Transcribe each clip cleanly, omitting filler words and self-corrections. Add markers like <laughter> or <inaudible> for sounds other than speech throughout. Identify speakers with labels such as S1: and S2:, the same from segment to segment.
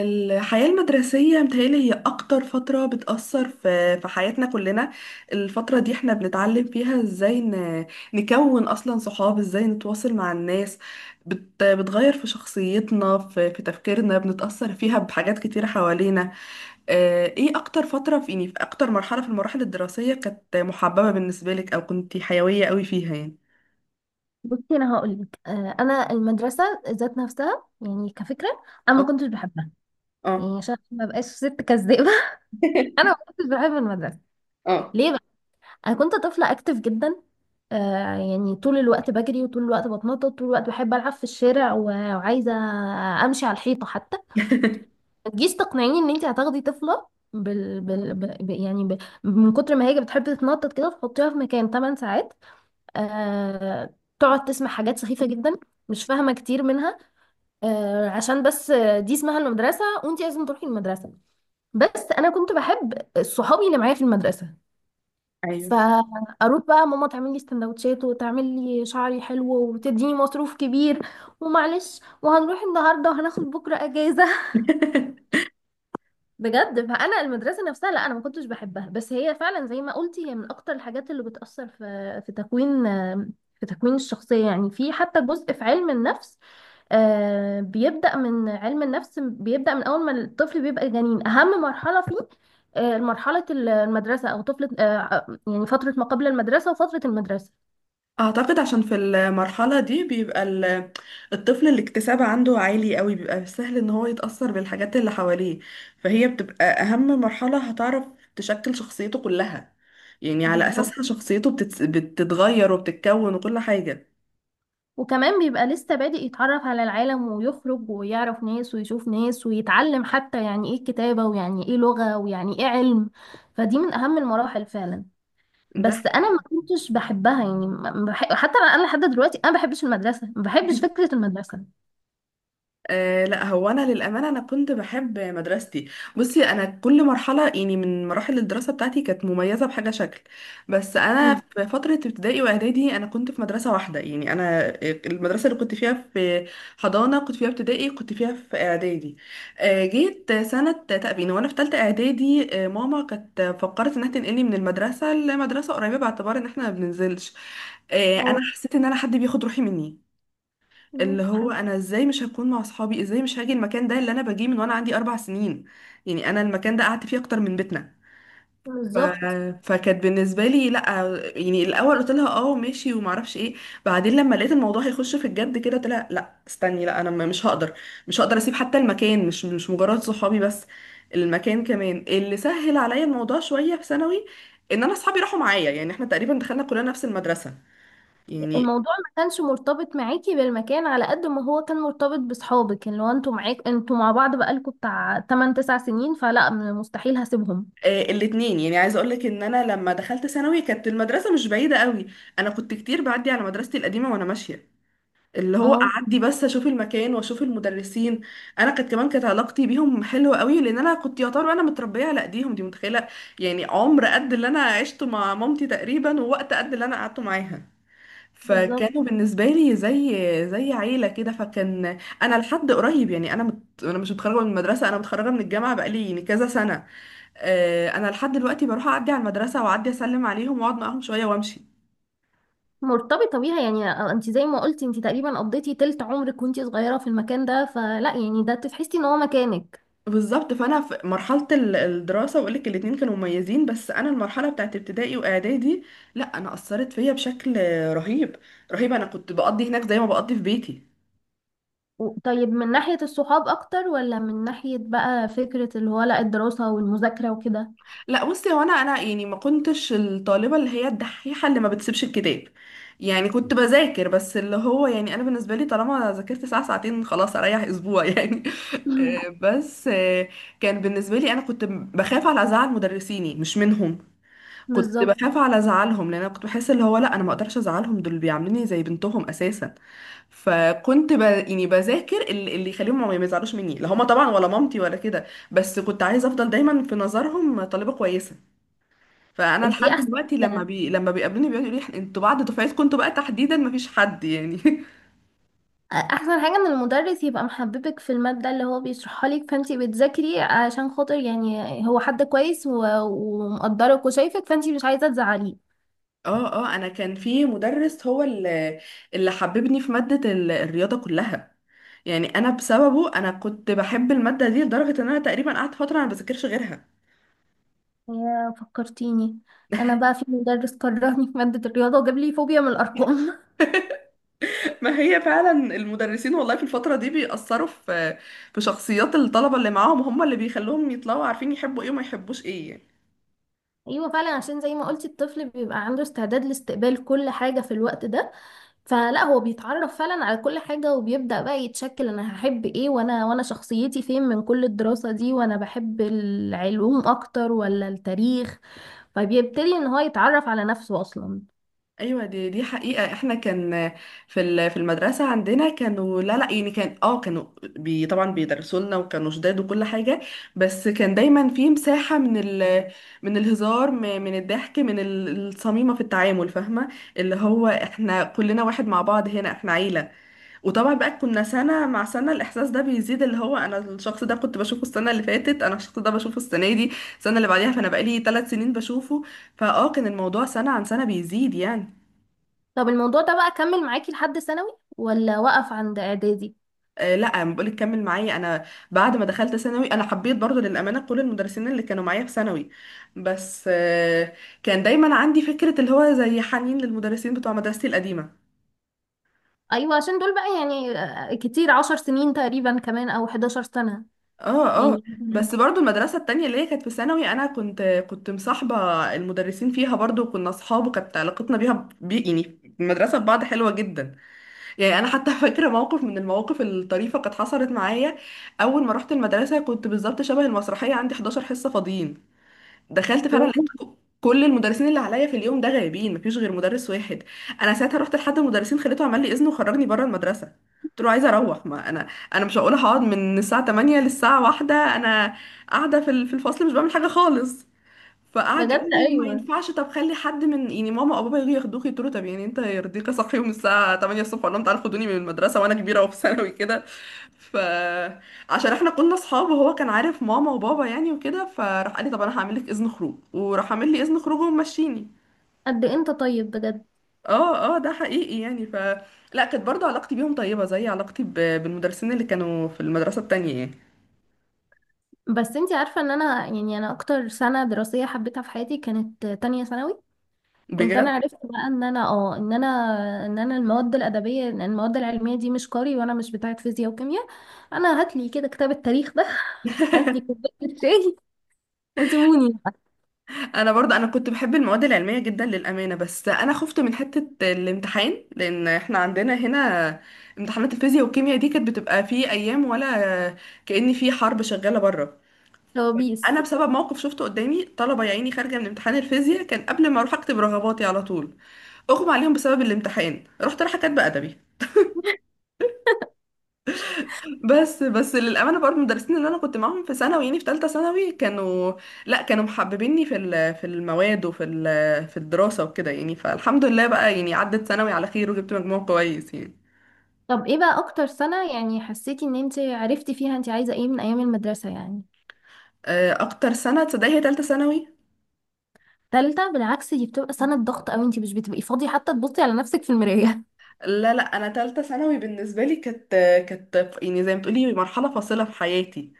S1: الحياة المدرسية متهيألي هي أكتر فترة بتأثر في حياتنا كلنا. الفترة دي احنا بنتعلم فيها ازاي نكون أصلا صحاب، ازاي نتواصل مع الناس. بتغير في شخصيتنا في تفكيرنا، بنتأثر فيها بحاجات كتيرة حوالينا. ايه أكتر فترة في يعني في أكتر مرحلة في المراحل الدراسية كانت محببة بالنسبة لك أو كنتي حيوية قوي فيها يعني؟
S2: بصي، انا هقول لك، انا المدرسه ذات نفسها يعني كفكره. انا ما
S1: اه.
S2: كنتش بحبها،
S1: اه.
S2: يعني عشان ما بقاش ست كذابه. <laughs> انا ما
S1: <laughs>
S2: كنتش بحب المدرسه.
S1: اه.
S2: ليه بقى؟ انا كنت طفله اكتف جدا. يعني طول الوقت بجري، وطول الوقت بتنطط، طول الوقت بحب العب في الشارع، وعايزه امشي على الحيطه حتى.
S1: <laughs>
S2: ما تجيش تقنعيني ان انت هتاخدي طفله، بال... بال... ب... يعني ب... من كتر ما هي بتحب تتنطط كده تحطيها في مكان 8 ساعات، آه... تقعد تسمع حاجات سخيفه جدا، مش فاهمه كتير منها. عشان بس دي اسمها المدرسة، وانتي لازم تروحي المدرسة. بس انا كنت بحب صحابي اللي معايا في المدرسة.
S1: أيوه.
S2: فاروح بقى ماما تعمل لي سندوتشات، وتعمل لي شعري حلو، وتديني مصروف كبير، ومعلش وهنروح النهارده وهناخد بكره اجازه. <laughs>
S1: <laughs>
S2: بجد، فانا المدرسه نفسها، لا انا ما كنتش بحبها، بس هي فعلا زي ما قلتي هي من اكتر الحاجات اللي بتاثر في تكوين الشخصيه. يعني في حتى جزء في علم النفس. بيبدا من علم النفس، بيبدا من اول ما الطفل بيبقى جنين. اهم مرحله فيه مرحله المدرسه، او طفله، يعني فتره ما قبل المدرسه وفتره المدرسه.
S1: اعتقد عشان في المرحلة دي بيبقى الطفل الاكتساب عنده عالي قوي، بيبقى سهل ان هو يتأثر بالحاجات اللي حواليه، فهي بتبقى اهم مرحلة هتعرف تشكل شخصيته كلها. يعني على
S2: بالظبط،
S1: اساسها شخصيته بتتغير وبتتكون وكل حاجة.
S2: وكمان بيبقى لسه بادئ يتعرف على العالم، ويخرج ويعرف ناس ويشوف ناس، ويتعلم حتى يعني ايه الكتابة، ويعني ايه لغة، ويعني ايه علم. فدي من اهم المراحل فعلا.
S1: ده
S2: بس انا
S1: حقيقي.
S2: ما كنتش بحبها، يعني ما بحب حتى، أنا لحد دلوقتي انا ما بحبش المدرسة، ما بحبش فكرة المدرسة.
S1: أه، لا، هو انا للامانه انا كنت بحب مدرستي. بصي، انا كل مرحله يعني من مراحل الدراسه بتاعتي كانت مميزه بحاجه شكل. بس انا
S2: مم.
S1: في فتره ابتدائي واعدادي انا كنت في مدرسه واحده، يعني انا المدرسه اللي كنت فيها في حضانه كنت فيها ابتدائي كنت فيها في اعدادي. أه، جيت سنه تأبين وانا في ثالثه اعدادي، ماما كانت فكرت انها تنقلني من المدرسه لمدرسه قريبه باعتبار ان احنا ما بننزلش. أه، انا
S2: اه،
S1: حسيت ان انا حد بياخد روحي مني، اللي هو
S2: سبحان
S1: انا ازاي مش هكون مع اصحابي، ازاي مش هاجي المكان ده اللي انا باجيه من وانا عندي 4 سنين. يعني انا المكان ده قعدت فيه اكتر من بيتنا.
S2: الله.
S1: ف...
S2: بالظبط،
S1: فكانت بالنسبه لي لا. يعني الاول قلت لها اه ماشي وما اعرفش ايه، بعدين لما لقيت الموضوع هيخش في الجد كده قلت لها لا استني، لا انا مش هقدر. مش هقدر اسيب حتى المكان، مش مجرد صحابي بس، المكان كمان. اللي سهل عليا الموضوع شويه في ثانوي ان انا اصحابي راحوا معايا، يعني احنا تقريبا دخلنا كلنا نفس المدرسه يعني.
S2: الموضوع ما كانش مرتبط معاكي بالمكان على قد ما هو كان مرتبط بصحابك، اللي هو انتوا معاك، انتوا مع بعض بقالكوا بتاع 8 9 سنين، فلا مستحيل هسيبهم.
S1: الاتنين. يعني عايزه اقول لك ان انا لما دخلت ثانوي كانت المدرسه مش بعيده قوي، انا كنت كتير بعدي على مدرستي القديمه وانا ماشيه، اللي هو
S2: اه،
S1: اعدي بس اشوف المكان واشوف المدرسين. انا كانت كمان كانت علاقتي بيهم حلوه قوي لان انا كنت يعتبر انا متربيه على ايديهم دي، متخيله؟ يعني عمر قد اللي انا عشته مع مامتي تقريبا، ووقت قد اللي انا قعدته معاها،
S2: بالظبط،
S1: فكانوا بالنسبه لي زي عيله كده. فكان انا لحد قريب، يعني انا انا مش متخرجه من المدرسه، انا متخرجه من الجامعه بقالي يعني كذا سنه، انا لحد دلوقتي بروح اعدي على المدرسه واعدي اسلم عليهم واقعد معاهم شويه وامشي.
S2: مرتبطة بيها. يعني انت زي ما قلتي انت تقريبا قضيتي تلت عمرك وانت صغيرة في المكان ده، فلا يعني ده تحسي ان هو مكانك.
S1: بالظبط. فانا في مرحله الدراسه، واقول لك الاتنين كانوا مميزين، بس انا المرحله بتاعت ابتدائي واعدادي، لا، انا اثرت فيا بشكل رهيب. رهيب. انا كنت بقضي هناك زي ما بقضي في بيتي.
S2: طيب، من ناحية الصحاب اكتر، ولا من ناحية بقى فكرة اللي هو لا الدراسة والمذاكرة وكده؟
S1: لا بصي، هو انا يعني ما كنتش الطالبه اللي هي الدحيحه اللي ما بتسيبش الكتاب. يعني كنت بذاكر، بس اللي هو يعني انا بالنسبه لي طالما ذاكرت ساعه ساعتين خلاص اريح اسبوع <laughs> يعني.
S2: <laughs> مم.
S1: بس كان بالنسبه لي، انا كنت بخاف على ازعل مدرسيني مش منهم. كنت
S2: بالظبط.
S1: بخاف على ازعلهم لان انا كنت بحس اللي هو لا، انا ما اقدرش ازعلهم، دول بيعاملوني زي بنتهم اساسا. فكنت يعني بذاكر اللي يخليهم ما يزعلوش مني، لا هما طبعا ولا مامتي ولا كده. بس كنت عايزه افضل دايما في نظرهم طالبه كويسه. فانا
S2: دي
S1: لحد
S2: احسن
S1: دلوقتي لما
S2: كده.
S1: لما بيقابلوني بيقعدوا يقولوا لي انتوا بعد دفعتكم انتوا بقى تحديدا مفيش حد يعني. <laughs>
S2: احسن حاجة ان المدرس يبقى محببك في المادة اللي هو بيشرحها لك، فانت بتذاكري عشان خاطر يعني هو حد كويس ومقدرك وشايفك، فانت مش عايزة تزعليه.
S1: اه، اه، انا كان في مدرس هو اللي حببني في مادة الرياضة كلها. يعني انا بسببه انا كنت بحب المادة دي لدرجة ان انا تقريبا قعدت فترة انا ما بذاكرش غيرها.
S2: يا فكرتيني، انا بقى في مدرس كرهني في مادة الرياضة، وجاب لي فوبيا من الارقام.
S1: <laughs>
S2: <laughs>
S1: ما هي فعلا المدرسين والله في الفترة دي بيأثروا في شخصيات الطلبة اللي معاهم، هم اللي بيخلوهم يطلعوا عارفين يحبوا ايه وما يحبوش ايه يعني.
S2: ايوه، فعلا عشان زي ما قلتي الطفل بيبقى عنده استعداد لاستقبال كل حاجة في الوقت ده، فلا هو بيتعرف فعلا على كل حاجة، وبيبدأ بقى يتشكل انا هحب ايه، وانا شخصيتي فين من كل الدراسة دي، وانا بحب العلوم اكتر ولا التاريخ. فبيبتدي ان هو يتعرف على نفسه اصلا.
S1: ايوه، دي حقيقه. احنا كان في في المدرسه عندنا كانوا، لا يعني، كان اه كانوا طبعا بيدرسوا لنا وكانوا شداد وكل حاجه، بس كان دايما في مساحه من من الهزار، من الضحك، من الصميمه في التعامل، فاهمه؟ اللي هو احنا كلنا واحد مع بعض هنا، احنا عيله. وطبعا بقى كنا سنه مع سنه الاحساس ده بيزيد، اللي هو انا الشخص ده كنت بشوفه السنه اللي فاتت، انا الشخص ده بشوفه السنه دي، السنه اللي بعديها، فانا بقالي 3 سنين بشوفه، فاه كان الموضوع سنه عن سنه بيزيد يعني.
S2: طب الموضوع ده بقى كمل معاكي لحد ثانوي، ولا وقف عند اعدادي؟
S1: لا، أنا بقولك كمل معايا انا. بعد ما دخلت ثانوي انا حبيت برضو للامانه كل المدرسين اللي كانوا معايا في ثانوي، بس كان دايما عندي فكره اللي هو زي حنين للمدرسين بتوع مدرستي القديمه.
S2: ايوه، عشان دول بقى يعني كتير، عشر سنين تقريبا كمان، او 11 سنة
S1: اه، اه.
S2: يعني. <laughs>
S1: بس برضو المدرسه التانية اللي هي كانت في ثانوي انا كنت مصاحبه المدرسين فيها برضو، كنا اصحاب، وكانت علاقتنا بيها يعني المدرسه ببعض حلوه جدا. يعني انا حتى <laughs> فاكره موقف من المواقف الطريفه كانت حصلت معايا. اول ما رحت المدرسه كنت بالظبط شبه المسرحيه، عندي 11 حصه فاضيين. دخلت فعلا
S2: أوه.
S1: لقيت كل المدرسين اللي عليا في اليوم ده غايبين، مفيش غير مدرس واحد. انا ساعتها رحت لحد المدرسين خليته عمل لي اذن وخرجني بره المدرسه. قلت له عايزه اروح، ما انا مش هقول هقعد من الساعه 8 للساعه 1 انا قاعده في في الفصل مش بعمل حاجه خالص. فقعد
S2: بجد
S1: يقول لي وما
S2: ايوه.
S1: ينفعش، طب خلي حد من يعني ماما او بابا يجوا ياخدوك. يقولوا طب يعني انت يرضيك اصحيهم الساعه 8 الصبح اقول لهم تعالوا خدوني من المدرسه وانا كبيره وفي <laughs> ثانوي كده. ف عشان احنا كنا اصحاب وهو كان عارف ماما وبابا يعني وكده، فراح قال لي طب انا هعمل لك اذن خروج، وراح عامل لي اذن خروج ومشيني.
S2: قد إيه انت طيب بجد.
S1: اه، اه، ده حقيقي يعني. لا، كانت برضو علاقتي بيهم طيبه زي علاقتي بالمدرسين اللي كانوا في المدرسه التانية يعني.
S2: بس انتي عارفة ان انا يعني انا اكتر سنة دراسية حبيتها في حياتي كانت تانية ثانوي. كنت انا
S1: بجد.
S2: عرفت بقى ان انا المواد الادبية، ان المواد العلمية دي مش قاري، وانا مش بتاعة فيزياء وكيمياء. انا هاتلي كده كتاب التاريخ ده. <laughs> هاتلي
S1: <laughs>
S2: كوباية الشاي وسيبوني بقى.
S1: انا برضه انا كنت بحب المواد العلميه جدا للامانه، بس انا خفت من حته الامتحان، لان احنا عندنا هنا امتحانات الفيزياء والكيمياء دي كانت بتبقى في ايام ولا كأن في حرب شغاله بره.
S2: كوابيس.
S1: انا بسبب موقف شفته قدامي طلبه يا عيني خارجه من امتحان الفيزياء كان قبل ما اروح اكتب رغباتي على طول، اغمى عليهم بسبب الامتحان، رحت رايحه كاتبه ادبي. بس للامانه برضه المدرسين اللي انا كنت معاهم في ثانوي يعني في ثالثه ثانوي كانوا، لا كانوا محببيني في في المواد وفي في الدراسه وكده يعني، فالحمد لله بقى يعني عدت ثانوي على خير وجبت مجموع كويس يعني.
S2: طب ايه بقى اكتر سنة يعني حسيتي ان انت عرفتي فيها انت عايزة ايه من ايام المدرسة يعني؟
S1: اكتر سنه تصدقي هي ثالثه ثانوي.
S2: تالتة؟ بالعكس، دي بتبقى سنة ضغط اوي، انت مش بتبقي فاضية حتى تبصي على نفسك في المراية.
S1: لا، لا، انا ثالثه ثانوي بالنسبه لي كانت يعني زي ما بتقولي مرحله فاصله في حياتي.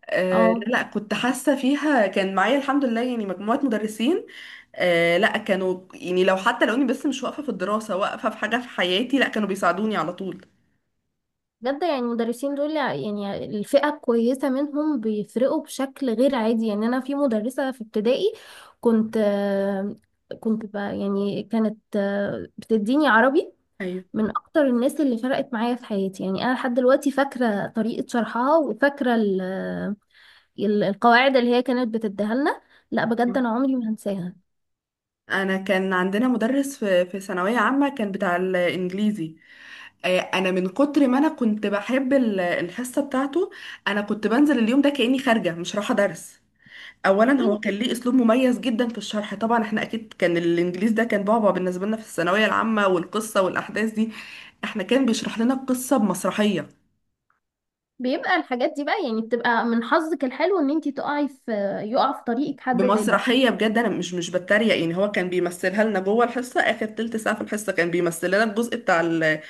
S2: <laughs>
S1: لا
S2: اه،
S1: لا، كنت حاسه فيها كان معايا الحمد لله يعني مجموعه مدرسين. آه لا، كانوا يعني لو حتى لو اني بس مش واقفة في الدراسة، واقفة في حاجة في حياتي، لا كانوا بيساعدوني على طول.
S2: بجد يعني المدرسين دول، يعني الفئة الكويسة منهم، بيفرقوا بشكل غير عادي. يعني انا في مدرسة في ابتدائي كنت آه، كنت بقى، يعني كانت بتديني عربي،
S1: ايوه.
S2: من اكتر الناس اللي فرقت معايا في حياتي. يعني انا لحد دلوقتي فاكرة طريقة شرحها، وفاكرة القواعد اللي هي كانت بتديها لنا. لا بجد، انا عمري ما هنساها.
S1: انا كان عندنا مدرس في ثانويه عامه كان بتاع الانجليزي. انا من كتر ما انا كنت بحب الحصه بتاعته، انا كنت بنزل اليوم ده كاني خارجه مش رايحه درس. اولا
S2: إيه،
S1: هو كان ليه اسلوب مميز جدا في الشرح، طبعا احنا اكيد كان الانجليزي ده كان بعبع بالنسبه لنا في الثانويه العامه والقصه والاحداث دي. احنا كان بيشرح لنا القصه بمسرحيه.
S2: بيبقى الحاجات دي بقى يعني بتبقى من حظك الحلو ان انتي تقعي في، يقع في طريقك حد زي ده.
S1: بمسرحية بجد، أنا مش بتريق يعني. هو كان بيمثلها لنا جوه الحصة، آخر تلت ساعة في الحصة كان بيمثل لنا الجزء بتاع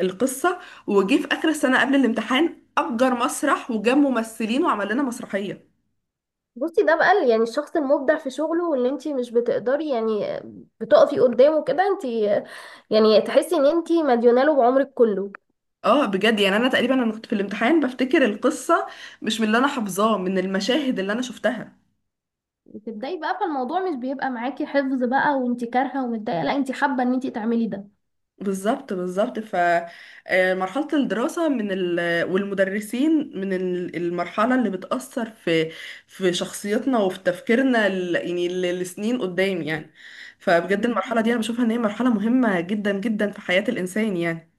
S1: القصة. وجي في آخر السنة قبل الامتحان أجر مسرح وجاب ممثلين وعمل لنا مسرحية.
S2: بصي، ده بقى يعني الشخص المبدع في شغله، واللي انت مش بتقدري يعني بتقفي قدامه كده، انت يعني تحسي ان انت مديونه له بعمرك كله.
S1: اه، بجد يعني أنا تقريبا أنا كنت في الامتحان بفتكر القصة مش من اللي أنا حافظاه، من المشاهد اللي أنا شفتها.
S2: بتبدأي بقى، فالموضوع مش بيبقى معاكي حفظ بقى وانتي كارهة ومتضايقة، لا انتي حابة ان انتي تعملي ده.
S1: بالظبط، بالظبط. فمرحلة الدراسة من والمدرسين من المرحلة اللي بتأثر في شخصيتنا وفي تفكيرنا، يعني لسنين قدام يعني. فبجد المرحلة دي أنا بشوفها إن هي مرحلة مهمة جدا جدا في حياة الإنسان يعني.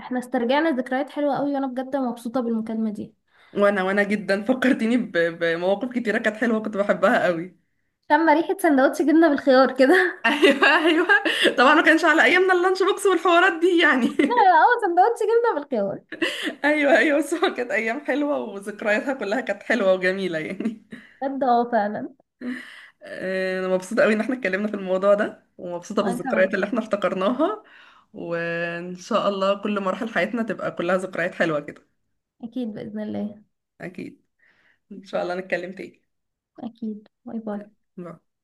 S2: احنا استرجعنا ذكريات حلوة قوي، وانا بجد مبسوطة بالمكالمة دي.
S1: وأنا جدا <laughs> فكرتيني بمواقف كتيرة كانت حلوة كنت بحبها قوي.
S2: شم ريحة سندوتش جبنة بالخيار كده.
S1: <laughs>
S2: <laughs>
S1: أيوه، أيوه. طبعا ما كانش على أيامنا اللانش بوكس والحوارات دي يعني.
S2: لا
S1: <laughs>
S2: اه، سندوتش جبنة بالخيار.
S1: أيوه، أيوه. بس هو كانت أيام حلوة وذكرياتها كلها كانت حلوة وجميلة يعني.
S2: بجد اه، فعلا.
S1: انا مبسوطة قوي ان احنا اتكلمنا في الموضوع ده ومبسوطة
S2: وانا كمان.
S1: بالذكريات اللي احنا افتكرناها. وان شاء الله كل مراحل حياتنا تبقى كلها ذكريات حلوة كده.
S2: اكيد بإذن الله.
S1: اكيد. ان شاء الله نتكلم تاني.
S2: اكيد، باي باي.
S1: باي.